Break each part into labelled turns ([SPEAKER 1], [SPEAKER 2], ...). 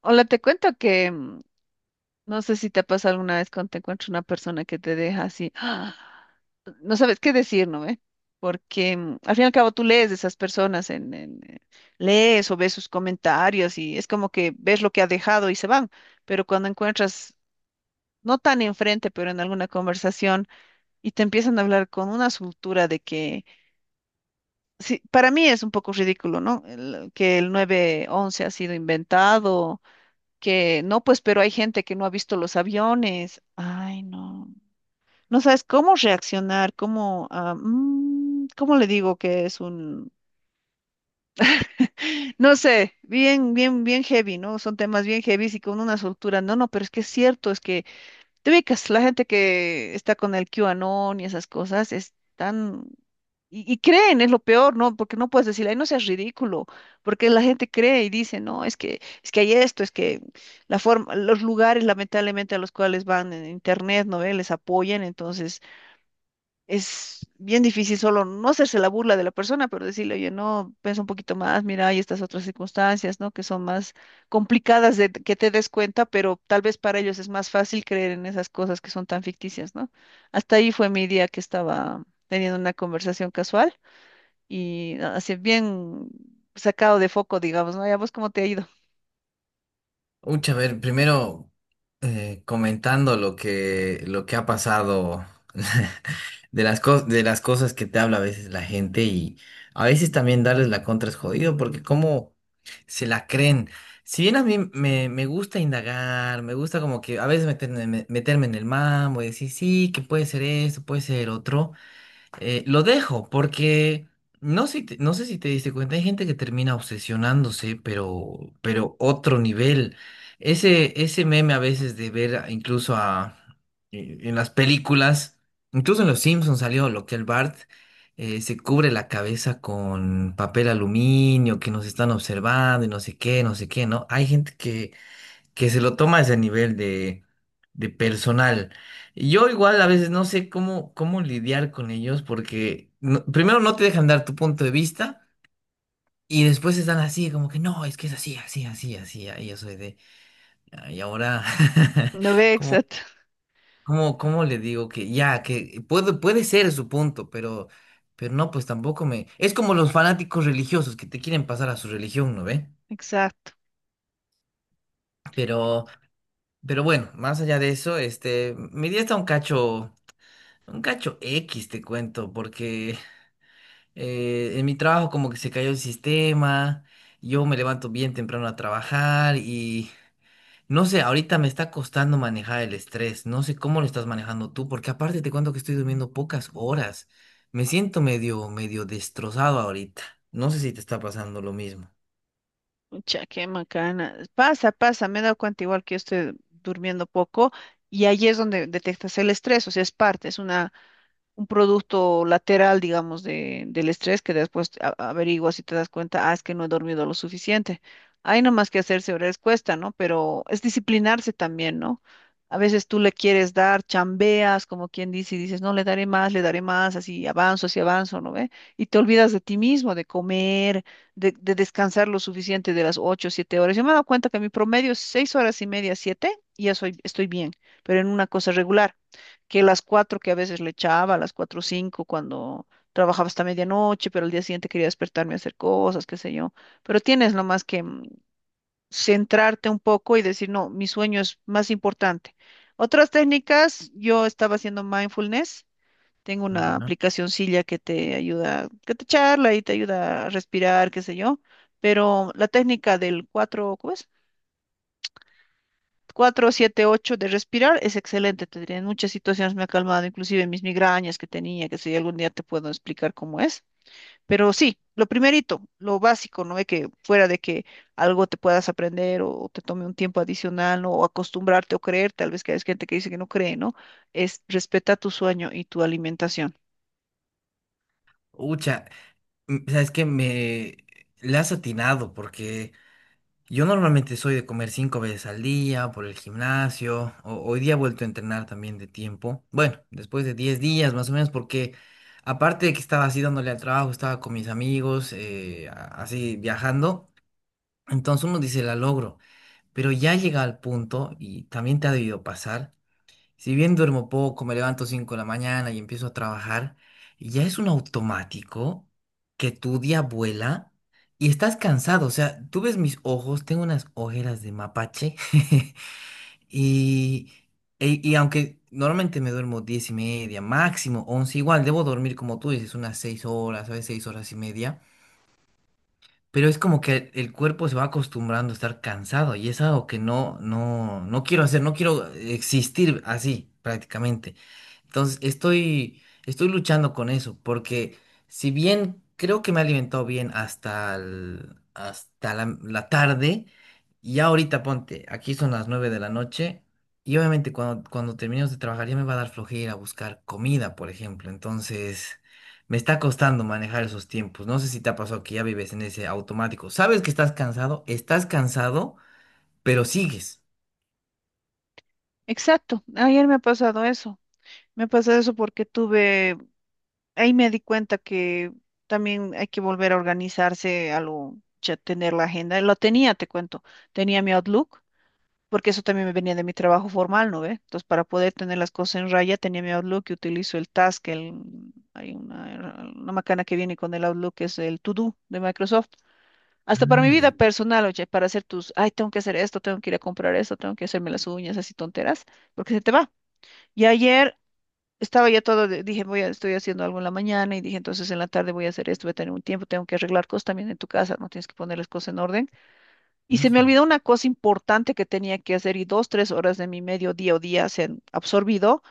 [SPEAKER 1] Hola, te cuento que no sé si te pasa alguna vez cuando te encuentras una persona que te deja así, ¡ah! No sabes qué decir, ¿no ve? Porque al fin y al cabo tú lees de esas personas, lees o ves sus comentarios y es como que ves lo que ha dejado y se van, pero cuando encuentras, no tan enfrente, pero en alguna conversación y te empiezan a hablar con una soltura de que, sí, para mí es un poco ridículo, ¿no? Que el 911 ha sido inventado, que no, pues, pero hay gente que no ha visto los aviones. Ay, no. No sabes cómo reaccionar, cómo le digo que es un, no sé, bien, bien, bien heavy, ¿no? Son temas bien heavy y con una soltura. No, no, pero es que es cierto. Es que te ubicas, la gente que está con el QAnon y esas cosas es tan... Y creen, es lo peor, ¿no? Porque no puedes decirle, ay, no seas ridículo, porque la gente cree y dice, no, es que hay esto, es que la forma, los lugares lamentablemente a los cuales van en internet, ¿no ve? Les apoyan. Entonces es bien difícil solo no hacerse la burla de la persona, pero decirle, oye, no, piensa un poquito más, mira, hay estas otras circunstancias, ¿no? Que son más complicadas de que te des cuenta, pero tal vez para ellos es más fácil creer en esas cosas que son tan ficticias, ¿no? Hasta ahí fue mi día, que estaba teniendo una conversación casual y así bien sacado de foco, digamos, ¿no? ¿Y a vos cómo te ha ido?
[SPEAKER 2] Ucha, a ver, primero comentando lo que ha pasado, de las de las cosas que te habla a veces la gente y a veces también darles la contra es jodido porque cómo se la creen. Si bien a me gusta indagar, me gusta como que a veces meterme, meterme en el mambo y decir, sí, que puede ser esto, puede ser otro lo dejo porque no sé, no sé si te diste cuenta, hay gente que termina obsesionándose, pero otro nivel. Ese meme a veces de ver incluso en las películas, incluso en Los Simpsons salió lo que el Bart se cubre la cabeza con papel aluminio, que nos están observando y no sé qué, no sé qué, ¿no? Hay gente que se lo toma a ese nivel de personal. Yo igual a veces no sé cómo, cómo lidiar con ellos porque primero no te dejan dar tu punto de vista y después están así como que no, es que es así, así, así, así. Y yo soy de, "Ah, y ahora,
[SPEAKER 1] No ve,
[SPEAKER 2] ¿cómo,
[SPEAKER 1] exacto,
[SPEAKER 2] cómo, cómo le digo que ya, que puede, puede ser su punto, pero no, pues tampoco me... Es como los fanáticos religiosos que te quieren pasar a su religión, ¿no ve?
[SPEAKER 1] exacto.
[SPEAKER 2] Pero... Pero bueno, más allá de eso, este, mi día está un cacho. Un cacho X, te cuento, porque en mi trabajo como que se cayó el sistema, yo me levanto bien temprano a trabajar y no sé, ahorita me está costando manejar el estrés, no sé cómo lo estás manejando tú, porque aparte te cuento que estoy durmiendo pocas horas, me siento medio, medio destrozado ahorita, no sé si te está pasando lo mismo.
[SPEAKER 1] Mucha, qué macana. Pasa, pasa, me he dado cuenta igual que yo estoy durmiendo poco y ahí es donde detectas el estrés, o sea, es parte, es una un producto lateral, digamos, del estrés que después averiguas y te das cuenta, ah, es que no he dormido lo suficiente. Hay nomás que hacerse horarios, cuesta, ¿no? Pero es disciplinarse también, ¿no? A veces tú le quieres dar, chambeas, como quien dice, y dices, no, le daré más, así avanzo, ¿no ve? Y te olvidas de ti mismo, de comer, de descansar lo suficiente de las 8, 7 horas. Yo me he dado cuenta que mi promedio es 6 horas y media, 7, y ya soy, estoy bien, pero en una cosa regular, que las cuatro que a veces le echaba, a las cuatro o cinco, cuando trabajaba hasta medianoche, pero al día siguiente quería despertarme a hacer cosas, qué sé yo. Pero tienes nomás que centrarte un poco y decir, no, mi sueño es más importante. Otras técnicas, yo estaba haciendo mindfulness. Tengo una
[SPEAKER 2] Ya.
[SPEAKER 1] aplicacioncilla que te ayuda, que te charla y te ayuda a respirar, qué sé yo. Pero la técnica del cuatro, ¿cómo es? 4-7-8 de respirar es excelente, te diré. En muchas situaciones me ha calmado, inclusive mis migrañas que tenía, que si algún día te puedo explicar cómo es. Pero sí, lo primerito, lo básico, no es que, fuera de que algo te puedas aprender o te tome un tiempo adicional, ¿no? O acostumbrarte o creer, tal vez, que hay gente que dice que no cree, ¿no? Es: respeta tu sueño y tu alimentación.
[SPEAKER 2] Ucha, sabes que me le has atinado porque yo normalmente soy de comer 5 veces al día por el gimnasio. Hoy día he vuelto a entrenar también de tiempo. Bueno, después de 10 días más o menos, porque aparte de que estaba así dándole al trabajo, estaba con mis amigos, así viajando. Entonces uno dice, la logro. Pero ya llega al punto, y también te ha debido pasar, si bien duermo poco, me levanto 5 de la mañana y empiezo a trabajar, ya es un automático que tu día vuela y estás cansado. O sea, tú ves mis ojos, tengo unas ojeras de mapache. y, y aunque normalmente me duermo 10 y media, máximo 11, igual debo dormir como tú dices, unas 6 horas, a veces 6 horas y media. Pero es como que el cuerpo se va acostumbrando a estar cansado y es algo que no, no, no quiero hacer, no quiero existir así prácticamente. Estoy luchando con eso porque si bien creo que me he alimentado bien hasta la tarde, ya ahorita ponte, aquí son las 9 de la noche y obviamente cuando terminemos de trabajar ya me va a dar flojera buscar comida, por ejemplo. Entonces... me está costando manejar esos tiempos. No sé si te ha pasado que ya vives en ese automático. Sabes que estás cansado, pero sigues.
[SPEAKER 1] Exacto, ayer me ha pasado eso. Me ha pasado eso porque tuve, ahí me di cuenta que también hay que volver a organizarse, ya tener la agenda. Lo tenía, te cuento, tenía mi Outlook, porque eso también me venía de mi trabajo formal, ¿no ve? Entonces, para poder tener las cosas en raya, tenía mi Outlook y utilizo el Task, el, hay una macana que viene con el Outlook, que es el To Do de Microsoft. Hasta para
[SPEAKER 2] Ah,
[SPEAKER 1] mi vida
[SPEAKER 2] ya,
[SPEAKER 1] personal, oye, para hacer tus, ay, tengo que hacer esto, tengo que ir a comprar esto, tengo que hacerme las uñas, así tonteras, porque se te va. Y ayer estaba ya todo, dije, voy a, estoy haciendo algo en la mañana y dije, entonces en la tarde voy a hacer esto, voy a tener un tiempo, tengo que arreglar cosas también en tu casa, no tienes que poner las cosas en orden. Y se me
[SPEAKER 2] eso.
[SPEAKER 1] olvidó una cosa importante que tenía que hacer y 2, 3 horas de mi medio día o día se han absorbido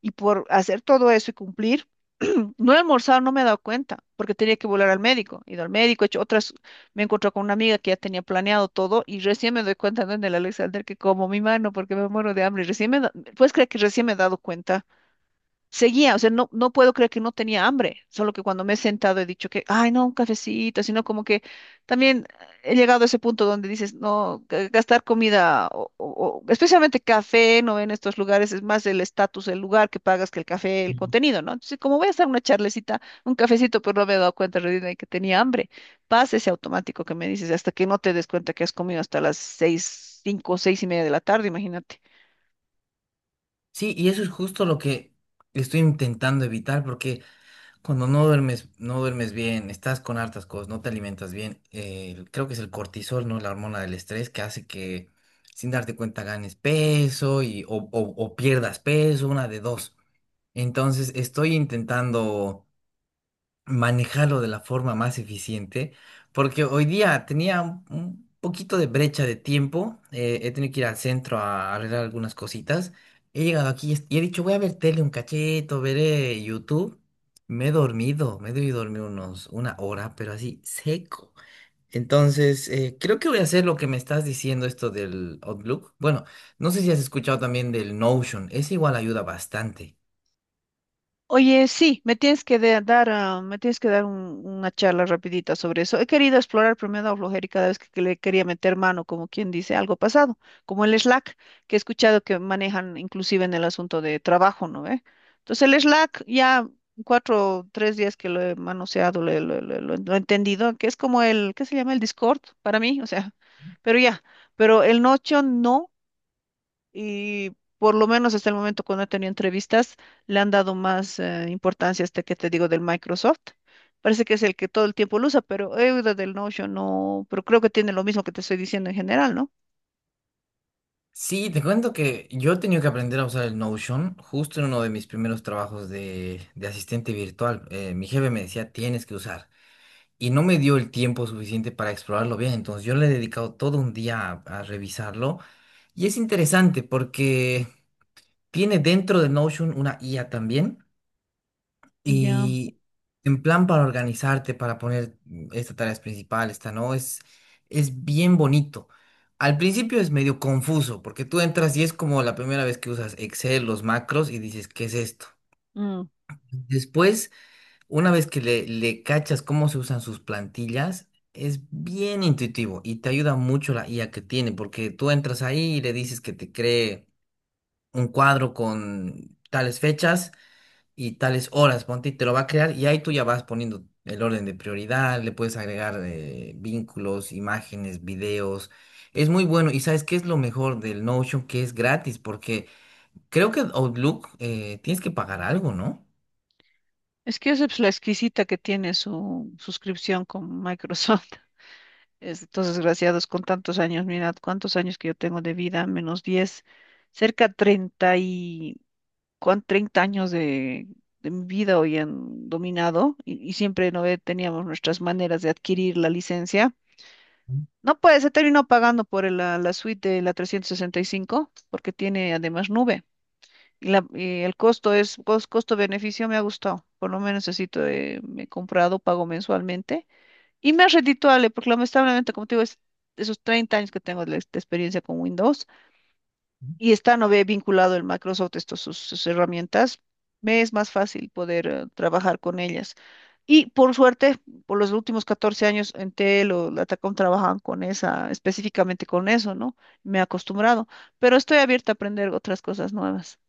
[SPEAKER 1] y por hacer todo eso y cumplir, no he almorzado, no me he dado cuenta porque tenía que volar al médico, he ido al médico, he hecho otras, me he encontrado con una amiga que ya tenía planeado todo y recién me doy cuenta, ¿no? En el Alexander, que como mi mano porque me muero de hambre, y recién ¿puedes creer que recién me he dado cuenta? Seguía, o sea, no, no puedo creer que no tenía hambre, solo que cuando me he sentado he dicho que, ay, no, un cafecito, sino como que también he llegado a ese punto donde dices, no, gastar comida, especialmente café, no en estos lugares, es más el estatus, el lugar que pagas que el café, el
[SPEAKER 2] Mm.
[SPEAKER 1] contenido, ¿no? Entonces, como voy a hacer una charlecita, un cafecito, pero no me he dado cuenta en realidad de que tenía hambre. Pasa ese automático que me dices, hasta que no te des cuenta que has comido hasta las seis, cinco, seis y media de la tarde, imagínate.
[SPEAKER 2] Sí, y eso es justo lo que estoy intentando evitar, porque cuando no duermes, no duermes bien, estás con hartas cosas, no te alimentas bien, creo que es el cortisol, ¿no? La hormona del estrés que hace que sin darte cuenta ganes peso , o pierdas peso, una de dos. Entonces estoy intentando manejarlo de la forma más eficiente, porque hoy día tenía un poquito de brecha de tiempo, he tenido que ir al centro a arreglar algunas cositas, he llegado aquí y he dicho, voy a ver tele un cacheto, veré YouTube, me he dormido, me he debido dormir unos, 1 hora, pero así seco. Entonces, creo que voy a hacer lo que me estás diciendo, esto del Outlook. Bueno, no sé si has escuchado también del Notion, ese igual ayuda bastante.
[SPEAKER 1] Oye, sí, me tienes que dar una charla rapidita sobre eso. He querido explorar, pero me ha dado flojera y cada vez que le quería meter mano, como quien dice, algo pasado, como el Slack, que he escuchado que manejan inclusive en el asunto de trabajo, ¿no ve? Entonces, el Slack, ya 4, 3 días que lo he manoseado, lo he entendido, que es como el, ¿qué se llama? El Discord, para mí, o sea, pero ya, pero el Notion no, y por lo menos hasta el momento cuando he tenido entrevistas, le han dado más importancia a este que te digo, del Microsoft. Parece que es el que todo el tiempo lo usa, pero he oído del Notion, no, pero creo que tiene lo mismo que te estoy diciendo en general, ¿no?
[SPEAKER 2] Sí, te cuento que yo he tenido que aprender a usar el Notion justo en uno de mis primeros trabajos de asistente virtual. Mi jefe me decía, tienes que usar. Y no me dio el tiempo suficiente para explorarlo bien, entonces yo le he dedicado todo un día a revisarlo. Y es interesante porque tiene dentro de Notion una IA también.
[SPEAKER 1] Ya.
[SPEAKER 2] Y en plan para organizarte, para poner esta tarea es principal, esta no, es bien bonito. Al principio es medio confuso, porque tú entras y es como la primera vez que usas Excel, los macros, y dices, ¿qué es esto?
[SPEAKER 1] Mm.
[SPEAKER 2] Después, una vez que le cachas cómo se usan sus plantillas, es bien intuitivo y te ayuda mucho la IA que tiene, porque tú entras ahí y le dices que te cree un cuadro con tales fechas y tales horas, ponte, y te lo va a crear y ahí tú ya vas poniendo el orden de prioridad, le puedes agregar vínculos, imágenes, videos. Es muy bueno. Y ¿sabes qué es lo mejor del Notion? Que es gratis porque creo que Outlook tienes que pagar algo, ¿no?
[SPEAKER 1] Es que esa es la exquisita que tiene su suscripción con Microsoft. Estos desgraciados con tantos años, mirad cuántos años que yo tengo de vida, menos 10, cerca 30 y... Con 30 años de mi vida hoy han dominado, y siempre no ve- teníamos nuestras maneras de adquirir la licencia. No puede, se terminó pagando por la suite de la 365 porque tiene además nube. Y el costo es, costo-beneficio, me ha gustado. Por lo menos así me he comprado, pago mensualmente. Y me es redituable porque lamentablemente, como te digo, es de esos 30 años que tengo de, la de experiencia con Windows, y está no ve vinculado el Microsoft, estas sus herramientas, me es más fácil poder trabajar con ellas. Y por suerte, por los últimos 14 años en Tel o la Atacom trabajaban con esa, específicamente con eso, ¿no? Me he acostumbrado, pero estoy abierta a aprender otras cosas nuevas.